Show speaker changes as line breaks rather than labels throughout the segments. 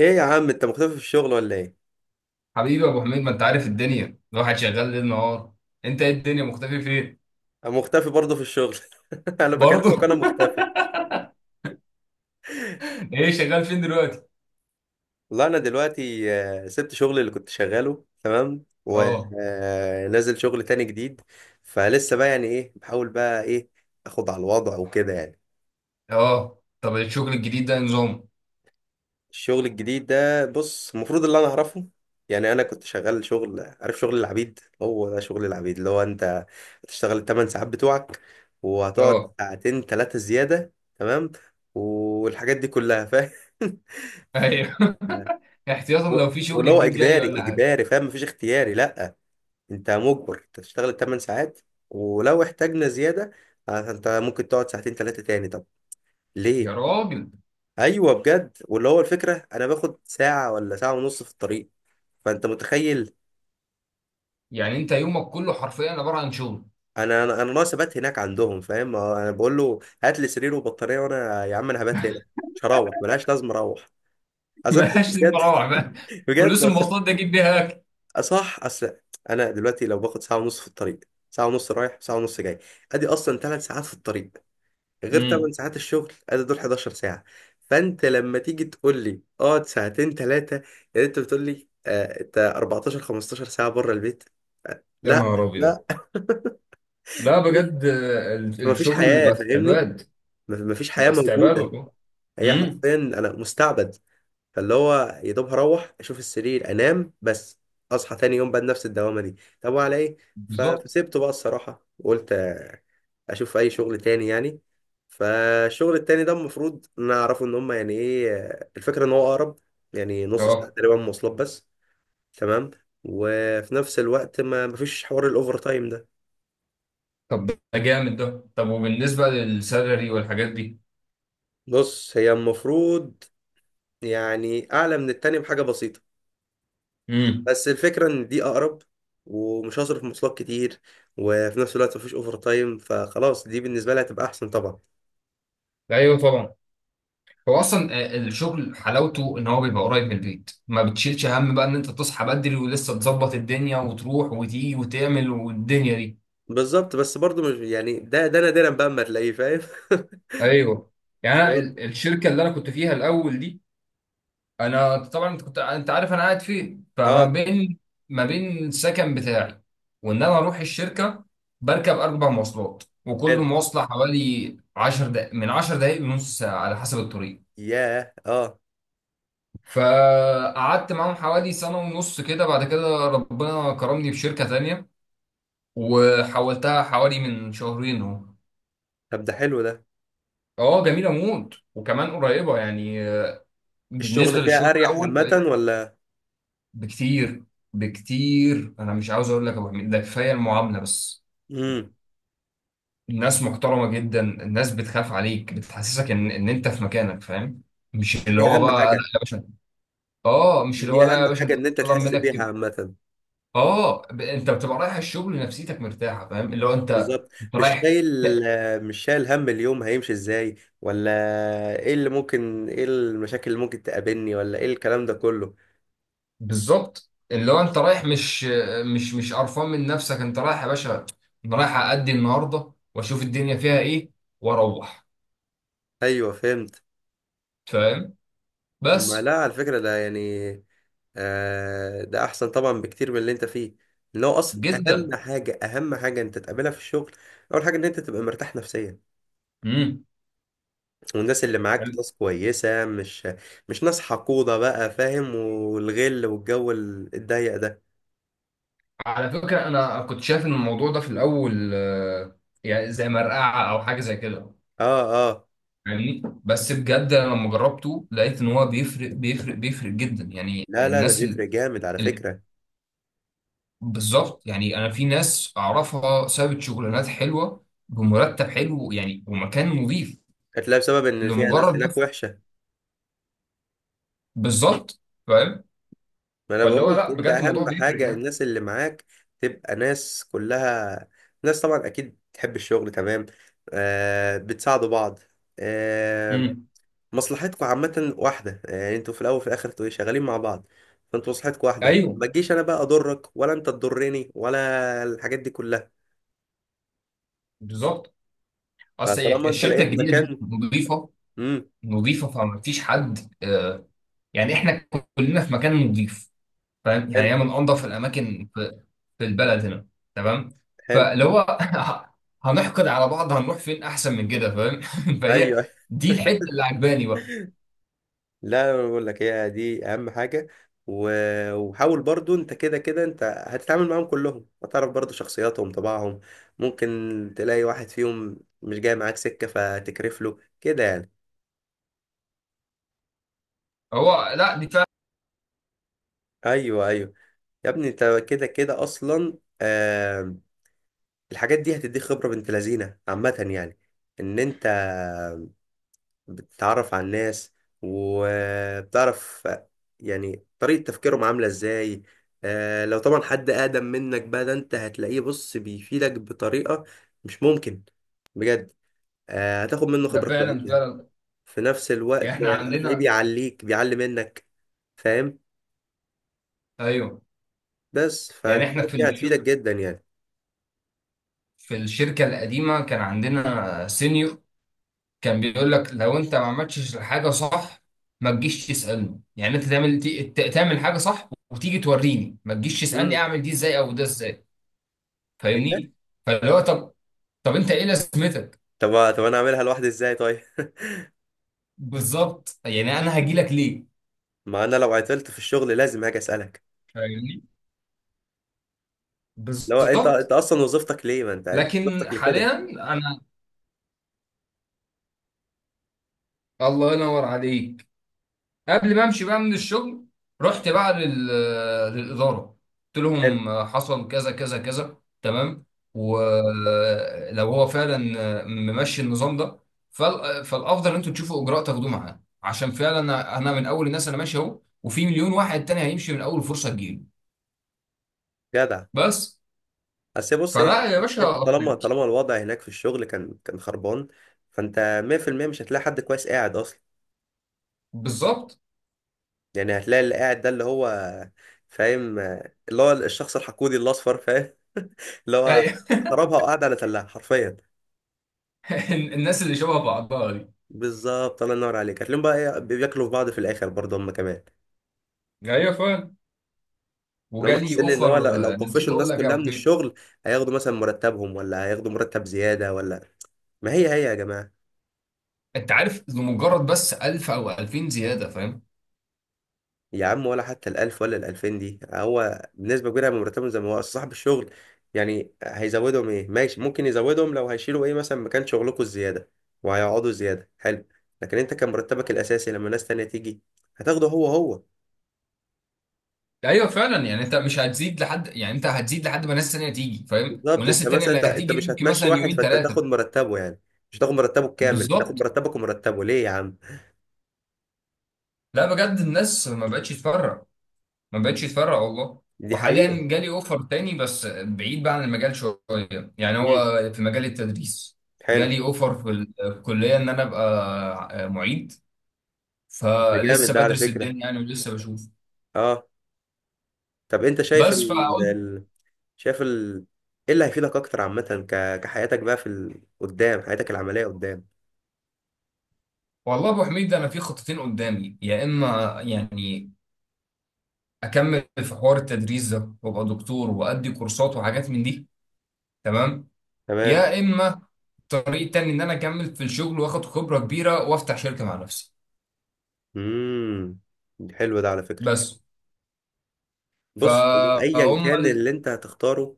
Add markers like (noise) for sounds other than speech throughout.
ايه يا عم، انت مختفي في الشغل ولا ايه؟
حبيبي يا ابو حميد، ما انت عارف الدنيا الواحد شغال ليل نهار. انت ايه الدنيا مختفي فين؟
انا مختفي برضه في الشغل. (laughs) انا بكلمك
برضه.
وانا مختفي.
(laughs) ايه شغال فين دلوقتي؟
والله انا دلوقتي سبت شغلي اللي كنت شغاله تمام،
اه.
ونازل شغل تاني جديد. فلسه بقى، يعني ايه، بحاول بقى ايه اخد على الوضع وكده يعني.
اه طب الشغل الجديد ده نظام؟
الشغل الجديد ده، بص، المفروض اللي انا اعرفه، يعني انا كنت شغال شغل، عارف، شغل العبيد. هو ده شغل العبيد، اللي هو انت هتشتغل الثمان ساعات بتوعك، وهتقعد
اه،
ساعتين ثلاثة زيادة، تمام، والحاجات دي كلها فاهم. (laughs)
ايوه. (laughs) احتياطا
و-
لو في شغل
واللي هو
جديد جاي
اجباري
ولا حاجه.
اجباري، فاهم، مفيش اختياري، لا، انت مجبر تشتغل الثمان ساعات، ولو احتاجنا زيادة انت ممكن تقعد ساعتين ثلاثة تاني. طب
يا
ليه؟
راجل.
ايوه بجد، واللي هو الفكره، انا باخد ساعه ولا ساعه ونص في الطريق، فانت متخيل.
يعني انت يومك كله حرفيا عباره عن شغل.
انا ناقص ابات هناك عندهم، فاهم؟ انا بقول له، هات لي سرير وبطاريه، وانا يا عم انا هبات هنا، مش هروح، ملهاش لازم اروح.
(laughs)
عذبت
ملهاش لازمه
بجد.
اروح بقى.
(laughs) بجد
فلوس المواصلات ده اجيب بيها اكل.
صح، اصل انا دلوقتي لو باخد ساعه ونص في الطريق، ساعه ونص رايح ساعه ونص جاي، ادي اصلا 3 ساعات في الطريق، غير 8
امم.
ساعات الشغل، ادي دول 11 ساعة. فانت لما تيجي تقول لي اقعد ساعتين ثلاثة، يعني انت بتقول لي انت 14 15 ساعة بره البيت.
يا
لا
نهار ابيض.
لا.
لا بجد،
فمفيش
الشغل
حياة،
بقى
فاهمني؟
استعباد.
مفيش حياة
بقى استعباد
موجودة.
والله.
هي
امم.
حرفيا انا مستعبد. فاللي هو يا دوب هروح اشوف السرير انام بس، اصحى تاني يوم بقى نفس الدوامه دي. طب وعلى ايه؟
بالظبط.
فسيبته بقى الصراحه وقلت اشوف اي شغل تاني يعني. فالشغل التاني ده المفروض نعرفه ان هم يعني ايه، الفكره ان هو اقرب، يعني نص ساعه
اه
تقريبا مواصلات بس، تمام، وفي نفس الوقت ما مفيش حوار الاوفر تايم ده.
طب ده جامد ده. طب وبالنسبة للسالري والحاجات دي؟
بص، هي المفروض يعني اعلى من التاني بحاجه بسيطه،
امم.
بس الفكرة إن دي أقرب، ومش هصرف مواصلات كتير، وفي نفس الوقت مفيش أوفر تايم، فخلاص دي بالنسبة لي هتبقى أحسن طبعا.
ايوه طبعا. هو اصلا الشغل حلاوته ان هو بيبقى قريب من البيت، ما بتشيلش هم بقى ان انت تصحى بدري ولسه تظبط الدنيا وتروح وتيجي وتعمل والدنيا دي.
بالظبط، بس برضو مش يعني ده نادرا بقى أما تلاقيه، فاهم. (laughs)
ايوه. يعني
اللي
أنا
هو-
الشركة اللي انا كنت فيها الاول دي. انا طبعا، انت كنت انت عارف انا قاعد فين، فما
اه،
بين، ما بين السكن بتاعي وان انا اروح الشركه، بركب اربع مواصلات، وكل
حلو،
مواصله حوالي 10 دقائق، من 10 دقائق لنص ساعه على حسب الطريق.
ياه اه.
فقعدت معاهم حوالي سنه ونص كده، بعد كده ربنا كرمني في شركه تانية وحولتها حوالي من شهرين اهو.
طب ده حلو ده.
اه جميله موت وكمان قريبه يعني
الشغل
بالنسبه للشغل
فيها أريح
الاول.
عامة ولا؟
بكتير، بكتير. انا مش عاوز اقول لك يا ابو حميد ده، كفايه المعامله بس.
امم.
الناس محترمه جدا، الناس بتخاف عليك بتحسسك ان انت في مكانك فاهم. مش اللي
دي
هو
أهم
بقى لا
حاجة.
يا باشا. اه مش اللي هو
دي
لا يا
أهم
باشا انت
حاجة إن أنت
بتطلب
تحس
منك
بيها
كده.
عامة.
اه، انت بتبقى رايح الشغل نفسيتك مرتاحه فاهم، اللي هو انت
بالظبط.
انت
مش
رايح.
شايل
ت-
مش شايل هم اليوم هيمشي ازاي، ولا ايه اللي ممكن، ايه المشاكل اللي ممكن تقابلني، ولا ايه الكلام ده كله.
بالظبط اللي هو انت رايح، مش قرفان من نفسك، انت رايح يا باشا. انا رايح ادي النهارده واشوف الدنيا فيها ايه، واروح
ايوه فهمت.
فاهم
طب ما
بس
لا، على فكرة ده يعني ده احسن طبعا بكتير من اللي انت فيه. ان هو اصلا اهم
جدا.
حاجة، اهم حاجة انت تقابلها في الشغل، اول حاجة ان انت تبقى مرتاح نفسيا،
امم.
والناس اللي معاك ناس كويسة، مش ناس حقودة بقى، فاهم، والغل والجو الضيق ده.
على فكرة أنا كنت شايف إن الموضوع ده في الأول، يعني زي مرقعة أو حاجة زي كده
اه اه.
يعني. بس بجد أنا لما جربته لقيت إن هو بيفرق جدا، يعني
لا لا، ده
الناس
بيفرق جامد على
ال...
فكرة.
بالظبط. يعني أنا في ناس أعرفها سابت شغلانات حلوة بمرتب حلو يعني ومكان نظيف
هتلاقي بسبب ان فيها
لمجرد
ناس هناك
بس.
وحشه.
بالظبط فاهم.
ما انا
فاللي
بقول
هو
لك،
لا
انت
بجد الموضوع
اهم
بيفرق
حاجه
يعني.
الناس اللي معاك تبقى ناس كلها، ناس طبعا اكيد تحب الشغل، تمام، آه، بتساعدوا بعض، آه،
امم.
مصلحتكم عامه واحده، يعني انتوا في الاول وفي الاخر انتوا شغالين مع بعض. فانتوا مصلحتكم واحده،
أيوه.
ما تجيش انا بقى اضرك، ولا انت تضرني، ولا الحاجات دي كلها.
بالظبط. أصل
فطالما انت
الشركة
لقيت
الجديدة دي
مكان.
نظيفة،
امم.
نظيفه فما فيش حد، يعني احنا كلنا في مكان نظيف فاهم، يعني
حلو،
هي من انظف الاماكن في البلد هنا. تمام.
حلو،
فلو هو (laughs) هنحقد على بعض هنروح فين احسن من كده فاهم؟ (laughs) فهي
ايوه.
دي الحته اللي عجباني بقى.
لا انا بقول لك، هي دي اهم حاجه. وحاول برضو انت، كده كده انت هتتعامل معاهم كلهم، هتعرف برضو شخصياتهم طباعهم. ممكن تلاقي واحد فيهم مش جاي معاك سكه، فتكرف له كده يعني.
هو لا دي فعلا.
ايوه ايوه. يا ابني انت كده كده اصلا الحاجات دي هتديك خبره بنت لذينه عامه، يعني ان انت بتتعرف على الناس، وبتعرف يعني طريقة تفكيرهم عاملة ازاي. لو طبعا حد أقدم منك بقى، ده انت هتلاقيه بص بيفيدك بطريقة مش ممكن، بجد. هتاخد منه
ده
خبرة
فعلا
كويسة.
فعلا
في نفس
يعني
الوقت
احنا
هتلاقيه
عندنا.
بيعلي منك، فاهم.
ايوه.
بس
يعني احنا
فالحاجات دي هتفيدك جدا يعني.
في الشركه القديمه كان عندنا سينيور، كان بيقول لك لو انت ما عملتش الحاجه صح ما تجيش تسالني، يعني انت تعمل، تعمل حاجه صح وتيجي توريني، ما تجيش تسالني
امم،
اعمل دي ازاي او ده ازاي
ايه ده؟
فاهمني. فاللي هو طب، طب انت ايه لازمتك؟
طب طب انا اعملها لوحدي ازاي طيب؟
بالظبط، يعني انا هاجي لك ليه؟
(laughs) ما انا لو عطلت في الشغل لازم هاجي اسالك.
فاهمني.
لو انت
بالظبط.
اصلا وظيفتك ليه، ما انت أنت
لكن
وظيفتك لكده.
حاليا انا، الله ينور عليك، قبل ما امشي بقى من الشغل رحت بقى للاداره، قلت
حلو.
لهم حصل كذا كذا كذا تمام. ولو هو فعلا ممشي النظام ده فالافضل ان انتوا تشوفوا اجراء تاخدوه معاه، عشان فعلا أنا من اول الناس، انا ماشي اهو، وفي مليون واحد تاني هيمشي من اول فرصه تجيله
جدع.
بس.
بس بص،
فلا
هي
يا باشا
طالما
أقنعك.
طالما الوضع هناك في الشغل كان خربان. فانت 100% مش هتلاقي حد كويس قاعد اصلا.
بالظبط.
يعني هتلاقي اللي قاعد ده اللي هو، فاهم، اللي هو الشخص الحقودي الاصفر، فاهم، اللي هو
أي-
خربها وقاعد على تلاها حرفيا.
(laughs) الناس اللي شبه بعضها دي.
بالظبط، الله ينور عليك. هتلاقيهم بقى بياكلوا في بعض في الاخر برضه هم كمان،
ايوه فعلا.
لو
وجالي
محسين ان هو
اوفر.
لو
نسيت
طفشوا
اقول
الناس
لك يا
كلها
أبو
من
حميد،
الشغل، هياخدوا مثلا مرتبهم، ولا هياخدوا مرتب زياده، ولا. ما هي هي يا جماعه.
انت عارف لمجرد بس 1000 او 2000 زياده فاهم.
يا عم، ولا حتى الألف ولا الألفين دي هو بنسبة كبيرة من مرتبهم، زي ما هو أصل صاحب الشغل، يعني هيزودهم إيه؟ ماشي، ممكن يزودهم لو هيشيلوا، إيه، مثلا مكان شغلكوا الزيادة وهيقعدوا زيادة، حلو، لكن أنت كان مرتبك الأساسي لما ناس تانية تيجي هتاخده هو هو.
ايوه فعلا، يعني انت مش هتزيد لحد، يعني انت هتزيد لحد ما الناس التانيه تيجي فاهم،
بالظبط،
والناس
أنت
التانيه
مثلا
اللي
أنت
هتيجي دي
مش
ممكن
هتمشي
مثلا
واحد
يومين
فأنت تاخد
ثلاثه.
مرتبه، يعني مش هتاخد مرتبه الكامل، تاخد
بالظبط.
مرتبك ومرتبه، ليه يا عم؟
لا بجد الناس ما بقتش تفرق، ما بقتش تفرق والله.
دي حقيقة.
وحاليا جالي اوفر تاني بس بعيد بقى عن المجال شويه، يعني
امم.
هو في مجال التدريس.
حلو
جالي اوفر في الكليه ان انا ابقى معيد،
ده، جامد
فلسه
ده على
بدرس
فكرة.
الدنيا يعني، ولسه بشوف
أه. طب أنت شايف،
بس فقلت.
شايف ال... ايه اللي هيفيدك اكتر عامة، كحياتك بقى في قدام، حياتك العملية قدام.
والله ابو حميد انا في خطتين قدامي، يا اما يعني اكمل في حوار التدريس ده وابقى دكتور وادي كورسات وحاجات من دي تمام،
تمام.
يا اما الطريق التاني ان انا اكمل في الشغل واخد خبره كبيره وافتح شركه مع نفسي.
امم. حلو ده على فكرة.
بس
بص، هو ايا
فهم
كان
ال...
اللي انت هتختاره،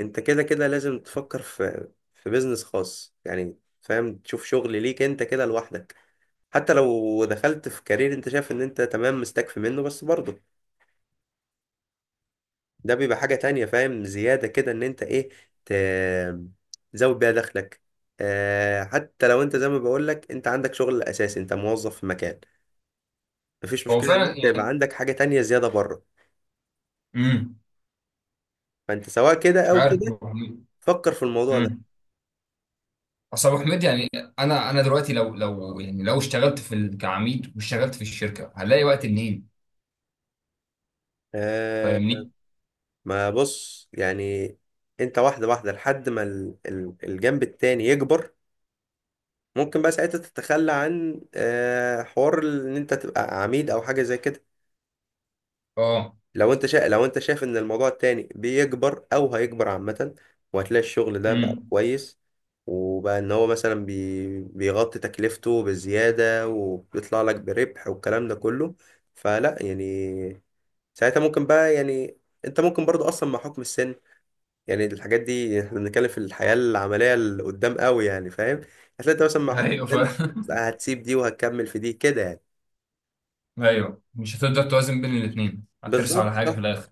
انت كده كده لازم تفكر في بيزنس خاص يعني، فاهم، تشوف شغل ليك انت كده لوحدك. حتى لو دخلت في كارير انت شايف ان انت تمام مستكفي منه، بس برضه ده بيبقى حاجة تانية، فاهم، زيادة كده ان انت ايه، ت... تزود بيها دخلك. حتى لو انت زي ما بقولك، انت عندك شغل اساسي، انت موظف في مكان، مفيش
هو
مشكلة ان
فعلا
انت يبقى
يعني.
عندك حاجة تانية زيادة بره.
امم.
فانت سواء كده
مش
او
عارف
كده،
ابو حميد.
فكر في الموضوع ده.
امم. اصل ابو حميد يعني انا دلوقتي، لو يعني لو اشتغلت كعميد واشتغلت في الشركه هلاقي وقت منين؟
آه
فاهمني.
ما بص يعني، انت واحدة واحدة لحد ما الجنب التاني يكبر، ممكن بقى ساعتها تتخلى عن حوار ان انت تبقى عميد او حاجة زي كده.
اه.
لو انت شايف ان الموضوع التاني بيكبر او هيكبر عامة، وهتلاقي الشغل ده بقى
امم.
كويس، وبقى ان هو مثلا بيغطي تكلفته بزيادة وبيطلع لك بربح والكلام ده كله، فلا يعني ساعتها ممكن بقى، يعني انت ممكن برضو اصلا مع حكم السن، يعني الحاجات دي احنا بنتكلم في الحياة العملية اللي قدام قوي، يعني فاهم، هتلاقي انت مثلا مع حكم
ايوه
السن
فاهم.
هتسيب دي وهتكمل في دي كده يعني.
ايوه مش هتقدر توازن بين الاثنين، هترسى على
بالظبط،
حاجه
صح.
في الاخر.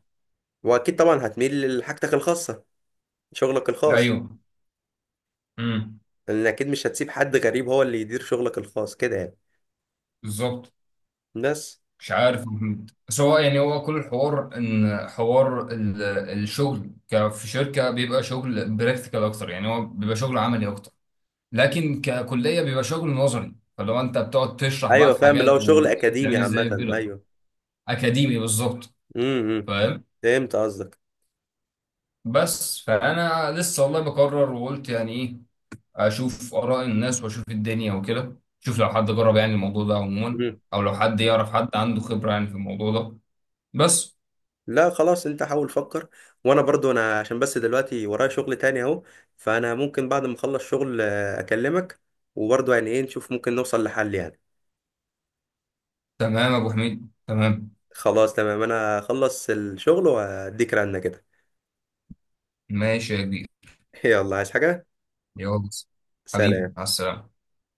واكيد طبعا هتميل لحاجتك الخاصة، شغلك الخاص،
ايوه. امم.
لان اكيد مش هتسيب حد غريب هو اللي يدير شغلك الخاص كده يعني.
بالظبط.
بس.
مش عارف يا محمد. بس هو يعني، هو كل الحوار ان حوار الشغل في شركه بيبقى شغل براكتيكال اكتر، يعني هو بيبقى شغل عملي اكتر، لكن ككليه بيبقى شغل نظري، فلو انت بتقعد تشرح بقى
ايوه
في
فاهم، اللي هو
حاجات
شغل اكاديمي
وبتعمل ازاي
عامه،
وكده.
ايوه.
اكاديمي بالظبط
امم، إمم.
فاهم.
فهمت قصدك.
بس فانا لسه والله بقرر، وقلت يعني ايه اشوف اراء الناس واشوف الدنيا وكده، شوف لو حد جرب يعني الموضوع ده عموما،
امم.
او لو حد يعرف حد عنده خبرة يعني في الموضوع ده بس.
لا خلاص، انت حاول فكر، وانا برضو انا عشان بس دلوقتي ورايا شغل تاني اهو، فانا ممكن بعد ما اخلص شغل اكلمك، وبرضو يعني ايه نشوف ممكن نوصل لحل يعني.
تمام يا ابو حميد تمام.
خلاص تمام، انا اخلص الشغل واديك رنة كده.
ماشي يا كبير.
(laughs) يلا، عايز حاجة؟
يلا. حبيبي
سلام.
مع السلامة.